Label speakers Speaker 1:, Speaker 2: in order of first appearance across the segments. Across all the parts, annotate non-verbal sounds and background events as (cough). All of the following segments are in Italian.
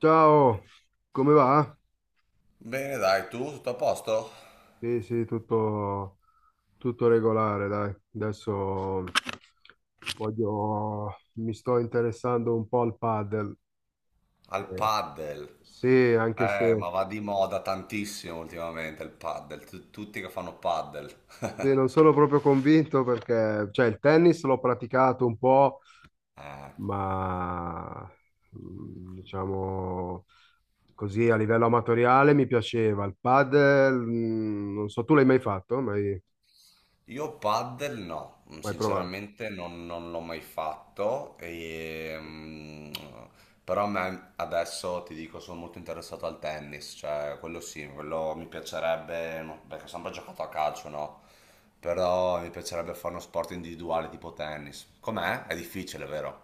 Speaker 1: Ciao, come va?
Speaker 2: Bene, dai, tu tutto a posto?
Speaker 1: Sì, sì, tutto regolare, dai. Adesso mi sto interessando un po' al padel,
Speaker 2: Al
Speaker 1: che
Speaker 2: paddle.
Speaker 1: sì, anche se
Speaker 2: Ma va di moda tantissimo ultimamente il paddle. Tutti che fanno paddle.
Speaker 1: sì,
Speaker 2: (laughs)
Speaker 1: non sono proprio convinto perché, cioè, il tennis l'ho praticato un po',
Speaker 2: Eh,
Speaker 1: ma diciamo così a livello amatoriale mi piaceva. Il padel, non so, tu l'hai mai fatto? Mai,
Speaker 2: io paddle no,
Speaker 1: mai provato?
Speaker 2: sinceramente non l'ho mai fatto, e, però a me adesso ti dico sono molto interessato al tennis, cioè quello sì, quello mi piacerebbe, no, perché ho sempre giocato a calcio, no? Però mi piacerebbe fare uno sport individuale tipo tennis. Com'è? È difficile, vero?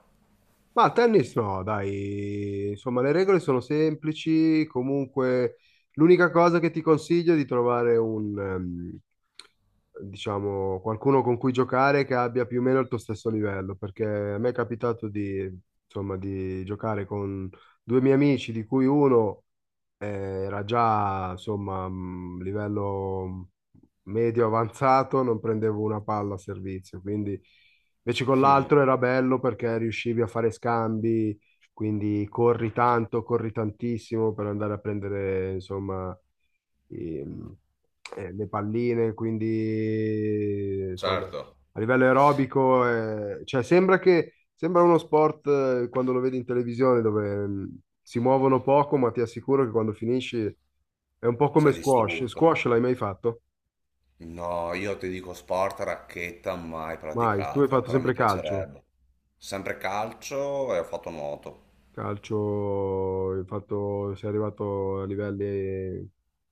Speaker 1: Ma al tennis no, dai, insomma le regole sono semplici, comunque l'unica cosa che ti consiglio è di trovare un, diciamo, qualcuno con cui giocare che abbia più o meno il tuo stesso livello, perché a me è capitato di, insomma, di giocare con due miei amici, di cui uno eh, era già, insomma, livello medio avanzato, non prendevo una palla a servizio, quindi invece con l'altro
Speaker 2: (laughs)
Speaker 1: era bello perché riuscivi a fare scambi, quindi corri tanto, corri tantissimo per andare a prendere, insomma, i- le palline, quindi, insomma,
Speaker 2: Certo,
Speaker 1: a livello aerobico, cioè sembra uno sport quando lo vedi in televisione dove si muovono poco, ma ti assicuro che quando finisci è un po' come
Speaker 2: sei
Speaker 1: squash.
Speaker 2: distrutto.
Speaker 1: Squash l'hai mai fatto?
Speaker 2: No, io ti dico sport, racchetta mai
Speaker 1: Mai. Tu hai
Speaker 2: praticato,
Speaker 1: fatto
Speaker 2: però mi
Speaker 1: sempre calcio.
Speaker 2: piacerebbe. Sempre calcio e ho fatto nuoto.
Speaker 1: Calcio, hai fatto, sei arrivato a livelli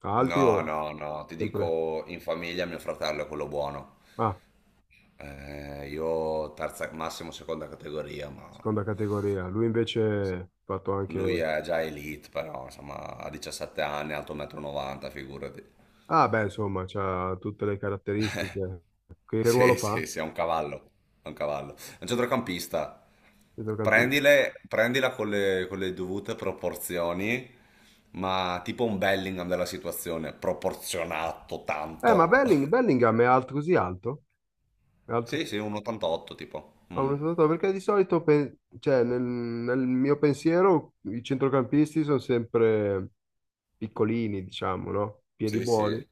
Speaker 1: alti o
Speaker 2: No, no, no, ti
Speaker 1: sempre?
Speaker 2: dico in famiglia mio fratello è quello buono.
Speaker 1: Ah,
Speaker 2: Io terza, massimo seconda categoria, ma
Speaker 1: seconda categoria. Lui invece ha fatto
Speaker 2: lui
Speaker 1: anche...
Speaker 2: è già elite, però insomma ha 17 anni, alto 1,90 m, figurati.
Speaker 1: Ah, beh, insomma, ha tutte le
Speaker 2: (laughs) Eh,
Speaker 1: caratteristiche. Che ruolo
Speaker 2: sì,
Speaker 1: fa?
Speaker 2: sì, sì, è un cavallo, è un cavallo. È un centrocampista.
Speaker 1: Centrocampista.
Speaker 2: Prendila con le dovute proporzioni, ma tipo un Bellingham della situazione, proporzionato
Speaker 1: Ma
Speaker 2: tanto. (laughs)
Speaker 1: Bellingham è alto così alto? È alto,
Speaker 2: Sì, sì, un 88 tipo. Mm.
Speaker 1: perché di solito, cioè, nel mio pensiero, i centrocampisti sono sempre piccolini, diciamo, no? Piedi
Speaker 2: Sì,
Speaker 1: buoni.
Speaker 2: sì.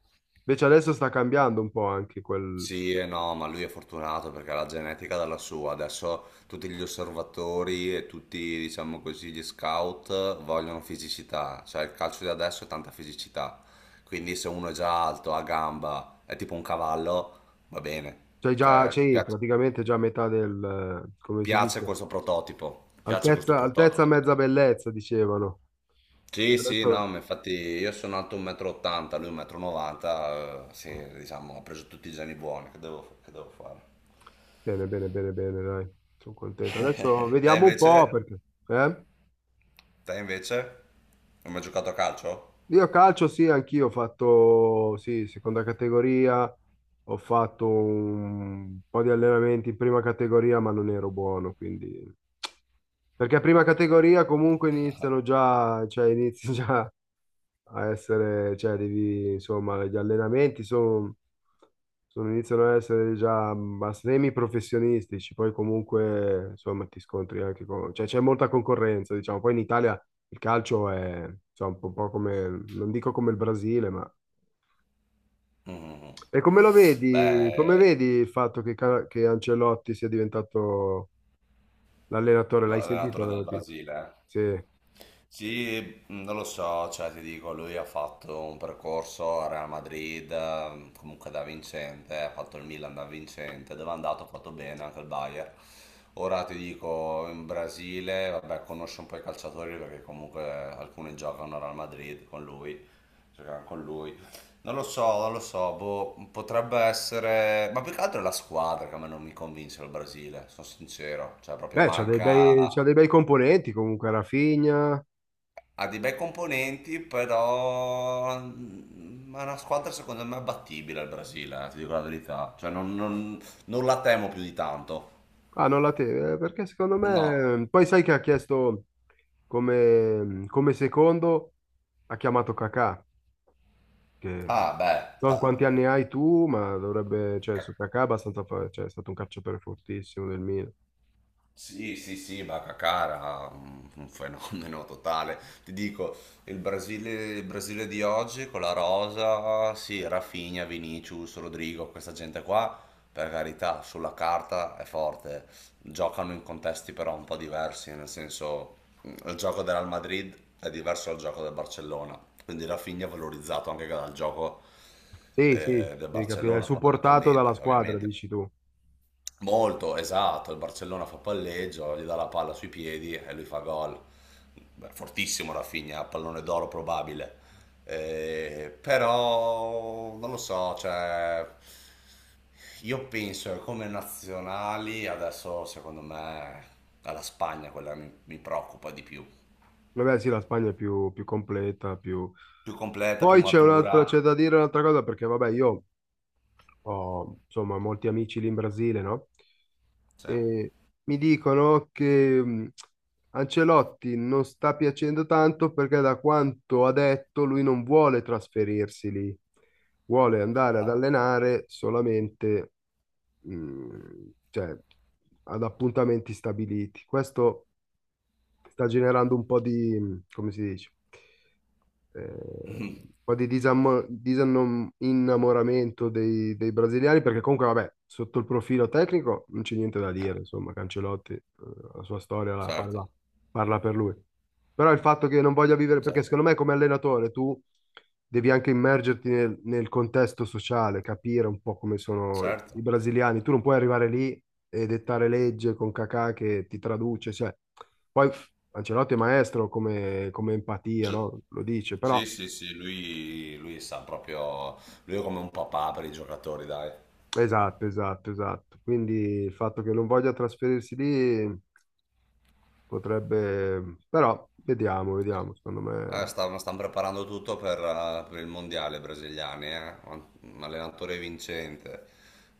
Speaker 1: Invece adesso sta cambiando un po' anche quel...
Speaker 2: Sì e no, ma lui è fortunato perché ha la genetica dalla sua. Adesso tutti gli osservatori e tutti, diciamo così, gli scout vogliono fisicità. Cioè il calcio di adesso è tanta fisicità. Quindi se uno è già alto, ha gamba, è tipo un cavallo, va bene.
Speaker 1: Cioè già,
Speaker 2: Cioè
Speaker 1: c'è
Speaker 2: piace,
Speaker 1: praticamente già metà del... come si
Speaker 2: piace
Speaker 1: dice?
Speaker 2: questo prototipo. Piace questo
Speaker 1: Altezza, altezza,
Speaker 2: prototipo.
Speaker 1: mezza bellezza, dicevano. E
Speaker 2: Sì, sì,
Speaker 1: adesso...
Speaker 2: no, ma infatti io sono alto 1,80 m, lui 1,90 m, sì, diciamo, ha preso tutti i geni buoni, che devo fare?
Speaker 1: Bene, bene, bene, bene, dai. Sono contento. Adesso
Speaker 2: (laughs) Te
Speaker 1: vediamo un po'
Speaker 2: invece?
Speaker 1: perché... Eh?
Speaker 2: Te invece? Non hai mai giocato a calcio?
Speaker 1: Io calcio sì, anch'io ho fatto, sì, seconda categoria, ho fatto un po' di allenamenti in prima categoria, ma non ero buono, quindi... Perché prima categoria comunque iniziano già, cioè inizi (laughs) già a essere, cioè devi, insomma, gli allenamenti sono, iniziano ad essere già ma semi professionistici, poi comunque, insomma, ti scontri anche con, cioè c'è molta concorrenza, diciamo, poi in Italia il calcio è, insomma, un po' come, non dico come il Brasile, ma...
Speaker 2: Mhm.
Speaker 1: E come lo vedi, come
Speaker 2: Beh,
Speaker 1: vedi il fatto che, che Ancelotti sia diventato l'allenatore? L'hai sentita
Speaker 2: l'allenatore
Speaker 1: la
Speaker 2: del
Speaker 1: notizia?
Speaker 2: Brasile, eh?
Speaker 1: Sì.
Speaker 2: Sì, non lo so, cioè ti dico, lui ha fatto un percorso a Real Madrid, comunque da vincente, ha fatto il Milan da vincente, dove è andato ha fatto bene anche il Bayern. Ora ti dico, in Brasile, vabbè, conosce un po' i calciatori perché comunque alcuni giocano a Real Madrid con lui, giocano con lui. Non lo so, non lo so, boh, potrebbe essere. Ma più che altro è la squadra che a me non mi convince il Brasile, sono sincero, cioè proprio
Speaker 1: Beh, c'ha dei
Speaker 2: manca.
Speaker 1: bei, c'ha dei bei componenti comunque, Rafinha.
Speaker 2: Ha dei bei componenti, però è una squadra secondo me abbattibile il Brasile, ti dico la verità. Cioè non la temo più di tanto.
Speaker 1: Ah, non la teve, perché secondo
Speaker 2: No.
Speaker 1: me... Poi sai che ha chiesto come secondo, ha chiamato Kakà, che non
Speaker 2: Ah, beh,
Speaker 1: so quanti anni hai tu, ma dovrebbe... Cioè,
Speaker 2: eh,
Speaker 1: su Kakà è abbastanza... Cioè, è stato un calciatore fortissimo del Milan.
Speaker 2: sì, sì, sì, Bacacara, un fenomeno totale. Ti dico, il Brasile, il Brasile di oggi con la rosa, sì, Rafinha, Vinicius, Rodrigo, questa gente qua, per carità, sulla carta è forte. Giocano in contesti però un po' diversi, nel senso, il gioco del Real Madrid è diverso dal gioco del Barcellona. Quindi Rafinha è valorizzato anche dal gioco
Speaker 1: Sì, sì,
Speaker 2: del
Speaker 1: devi capire, è
Speaker 2: Barcellona
Speaker 1: supportato dalla
Speaker 2: fondamentalmente,
Speaker 1: squadra,
Speaker 2: ovviamente.
Speaker 1: dici tu.
Speaker 2: Molto, esatto, il Barcellona fa palleggio, gli dà la palla sui piedi e lui fa gol. Beh, fortissimo Rafinha, pallone d'oro probabile. Però non lo so, cioè, io penso che come nazionali adesso secondo me è la Spagna quella che mi preoccupa di più.
Speaker 1: Vabbè, sì, la Spagna è più, più completa, più...
Speaker 2: Più completa, più
Speaker 1: Poi c'è c'è
Speaker 2: matura.
Speaker 1: da dire un'altra cosa, perché vabbè, io ho, insomma, molti amici lì in Brasile, no?
Speaker 2: Sì. Ah,
Speaker 1: E mi dicono che Ancelotti non sta piacendo tanto perché da quanto ha detto lui non vuole trasferirsi lì, vuole andare ad allenare solamente cioè, ad appuntamenti stabiliti. Questo sta generando un po' di, come si dice? Un po' di innamoramento dei brasiliani, perché comunque, vabbè, sotto il profilo tecnico non c'è niente da dire, insomma, Cancelotti, la sua storia la
Speaker 2: certo,
Speaker 1: parla, parla per lui. Però il fatto che non voglia vivere, perché
Speaker 2: certo,
Speaker 1: secondo me come allenatore tu devi anche immergerti nel contesto sociale, capire un po' come sono i
Speaker 2: certo.
Speaker 1: brasiliani, tu non puoi arrivare lì e dettare legge con Kakà che ti traduce, cioè... Poi Ancelotti è maestro come empatia,
Speaker 2: Gi-
Speaker 1: no? Lo dice, però
Speaker 2: Sì, sì, sì, lui sa proprio, lui è come un papà per i giocatori, dai.
Speaker 1: esatto, esatto, esatto. Quindi il fatto che non voglia trasferirsi lì potrebbe, però vediamo, vediamo, secondo me
Speaker 2: Stanno preparando tutto per il mondiale brasiliani, eh. Un allenatore vincente.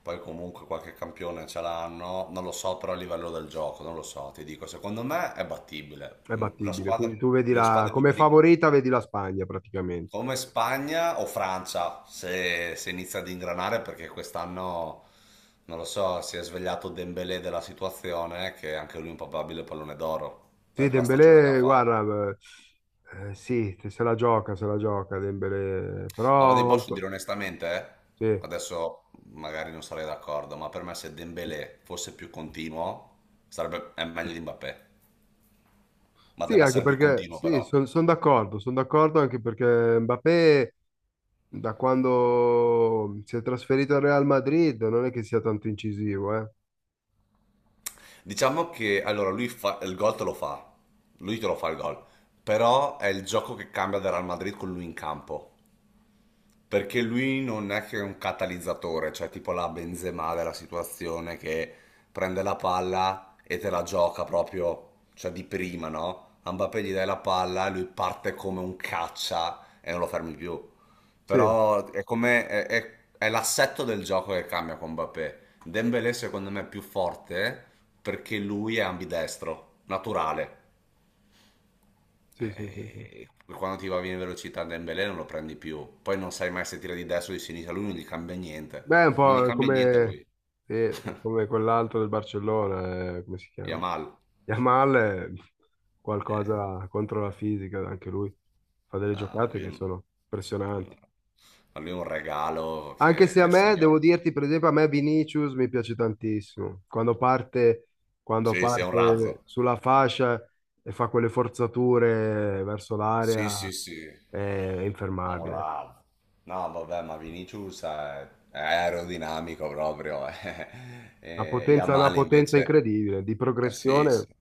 Speaker 2: Poi comunque qualche campione ce l'hanno, non lo so però a livello del gioco, non lo so, ti dico, secondo me è battibile.
Speaker 1: è
Speaker 2: La
Speaker 1: battibile.
Speaker 2: squadra,
Speaker 1: Quindi tu
Speaker 2: le squadre più
Speaker 1: come
Speaker 2: pericolose.
Speaker 1: favorita vedi la Spagna praticamente.
Speaker 2: Come Spagna o Francia, se inizia ad ingranare, perché quest'anno, non lo so, si è svegliato Dembélé della situazione, che anche lui è un probabile pallone d'oro
Speaker 1: Sì,
Speaker 2: per la stagione che ha
Speaker 1: Dembélé,
Speaker 2: fatto.
Speaker 1: guarda, sì, se la gioca, se la gioca Dembélé,
Speaker 2: Ma ti
Speaker 1: però
Speaker 2: posso dire onestamente, eh?
Speaker 1: sì.
Speaker 2: Adesso magari non sarei d'accordo, ma per me se Dembélé fosse più continuo, sarebbe, è meglio di Mbappé. Ma
Speaker 1: Sì,
Speaker 2: deve
Speaker 1: anche
Speaker 2: essere più
Speaker 1: perché
Speaker 2: continuo
Speaker 1: sì,
Speaker 2: però.
Speaker 1: sono d'accordo anche perché Mbappé da quando si è trasferito al Real Madrid non è che sia tanto incisivo, eh?
Speaker 2: Diciamo che allora lui fa, il gol te lo fa, lui te lo fa il gol, però è il gioco che cambia del Real Madrid con lui in campo. Perché lui non è che è un catalizzatore, cioè tipo la Benzema della situazione che prende la palla e te la gioca proprio, cioè di prima, no? A Mbappé gli dai la palla e lui parte come un caccia e non lo fermi più.
Speaker 1: Sì,
Speaker 2: Però è come è, l'assetto del gioco che cambia con Mbappé. Dembélé secondo me è più forte perché lui è ambidestro, naturale.
Speaker 1: sì, sì, sì, sì.
Speaker 2: Eh, Quando ti va bene velocità Dembélé non lo prendi più. Poi non sai mai se tira di destra o di sinistra, lui non gli cambia niente.
Speaker 1: Beh, è un
Speaker 2: Non gli
Speaker 1: po'
Speaker 2: cambia niente a
Speaker 1: come,
Speaker 2: lui.
Speaker 1: sì, come quell'altro del Barcellona, come si chiama?
Speaker 2: Yamal.
Speaker 1: Yamal è
Speaker 2: Eh,
Speaker 1: qualcosa contro la fisica, anche lui fa delle
Speaker 2: ma
Speaker 1: giocate
Speaker 2: lui, è
Speaker 1: che
Speaker 2: un
Speaker 1: sono
Speaker 2: no.
Speaker 1: impressionanti.
Speaker 2: Ma lui è un regalo
Speaker 1: Anche
Speaker 2: che,
Speaker 1: se
Speaker 2: che
Speaker 1: a
Speaker 2: il
Speaker 1: me,
Speaker 2: signore.
Speaker 1: devo dirti, per esempio, a me Vinicius mi piace tantissimo. Quando
Speaker 2: Sì, sì, è un
Speaker 1: parte
Speaker 2: razzo.
Speaker 1: sulla fascia e fa quelle forzature verso
Speaker 2: Sì,
Speaker 1: l'area.
Speaker 2: sì, sì.
Speaker 1: È infermabile.
Speaker 2: Bravo. No, vabbè, ma Vinicius è aerodinamico proprio. Eh. (laughs) E
Speaker 1: Una
Speaker 2: Yamal
Speaker 1: potenza
Speaker 2: invece.
Speaker 1: incredibile, di
Speaker 2: Sì,
Speaker 1: progressione.
Speaker 2: sì.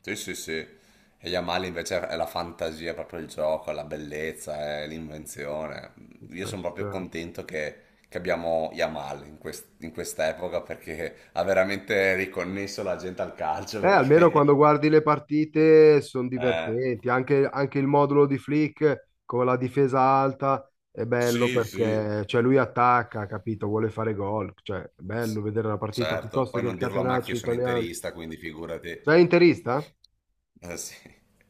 Speaker 2: Sì, sì, sì. E Yamal invece è la fantasia, è proprio il gioco, è la bellezza, è l'invenzione.
Speaker 1: Ci
Speaker 2: Io
Speaker 1: sta,
Speaker 2: sono
Speaker 1: ci
Speaker 2: proprio
Speaker 1: sta.
Speaker 2: contento che abbiamo Yamal in questa epoca perché ha veramente riconnesso la gente al calcio
Speaker 1: Almeno quando
Speaker 2: perché. (laughs)
Speaker 1: guardi le partite sono
Speaker 2: Eh,
Speaker 1: divertenti, anche il modulo di Flick con la difesa alta è bello
Speaker 2: sì, sì.
Speaker 1: perché cioè, lui attacca, capito? Vuole fare gol, cioè è bello vedere la partita
Speaker 2: Certo,
Speaker 1: piuttosto
Speaker 2: poi
Speaker 1: che il
Speaker 2: non dirlo a me che
Speaker 1: catenaccio
Speaker 2: io sono
Speaker 1: italiano.
Speaker 2: interista, quindi figurati.
Speaker 1: Sei interista?
Speaker 2: Eh sì.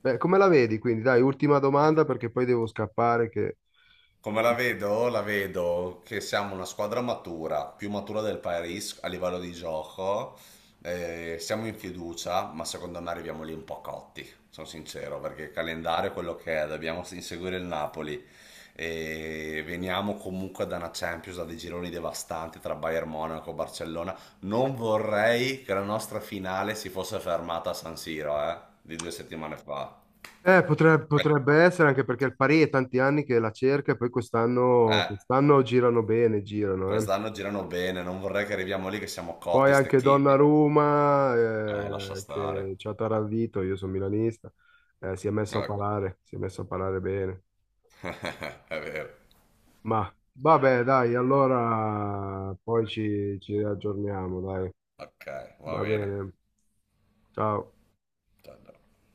Speaker 1: Beh, come la vedi? Quindi dai, ultima domanda perché poi devo scappare che...
Speaker 2: Come la vedo? La vedo che siamo una squadra matura, più matura del Paris a livello di gioco. Siamo in fiducia, ma secondo me arriviamo lì un po' cotti, sono sincero, perché il calendario è quello che è, dobbiamo inseguire il Napoli. E veniamo comunque da una Champions, da dei gironi devastanti tra Bayern Monaco e Barcellona. Non vorrei che la nostra finale si fosse fermata a San Siro, di 2 settimane fa. Eh,
Speaker 1: Potrebbe essere anche perché il Pari è tanti anni che la cerca e poi quest'anno
Speaker 2: eh.
Speaker 1: quest'anno girano bene, girano. Eh.
Speaker 2: Quest'anno girano bene, non vorrei che arriviamo lì che siamo
Speaker 1: Poi
Speaker 2: cotti,
Speaker 1: anche
Speaker 2: stecchiti.
Speaker 1: Donnarumma,
Speaker 2: Lascia
Speaker 1: che
Speaker 2: stare.
Speaker 1: ci ha taravito, io sono milanista, si è messo a
Speaker 2: Ecco,
Speaker 1: parlare, bene.
Speaker 2: (laughs) è vero.
Speaker 1: Ma vabbè, dai, allora poi ci aggiorniamo, dai.
Speaker 2: Ok, va
Speaker 1: Va
Speaker 2: bene.
Speaker 1: bene, ciao.
Speaker 2: Ciao, ciao.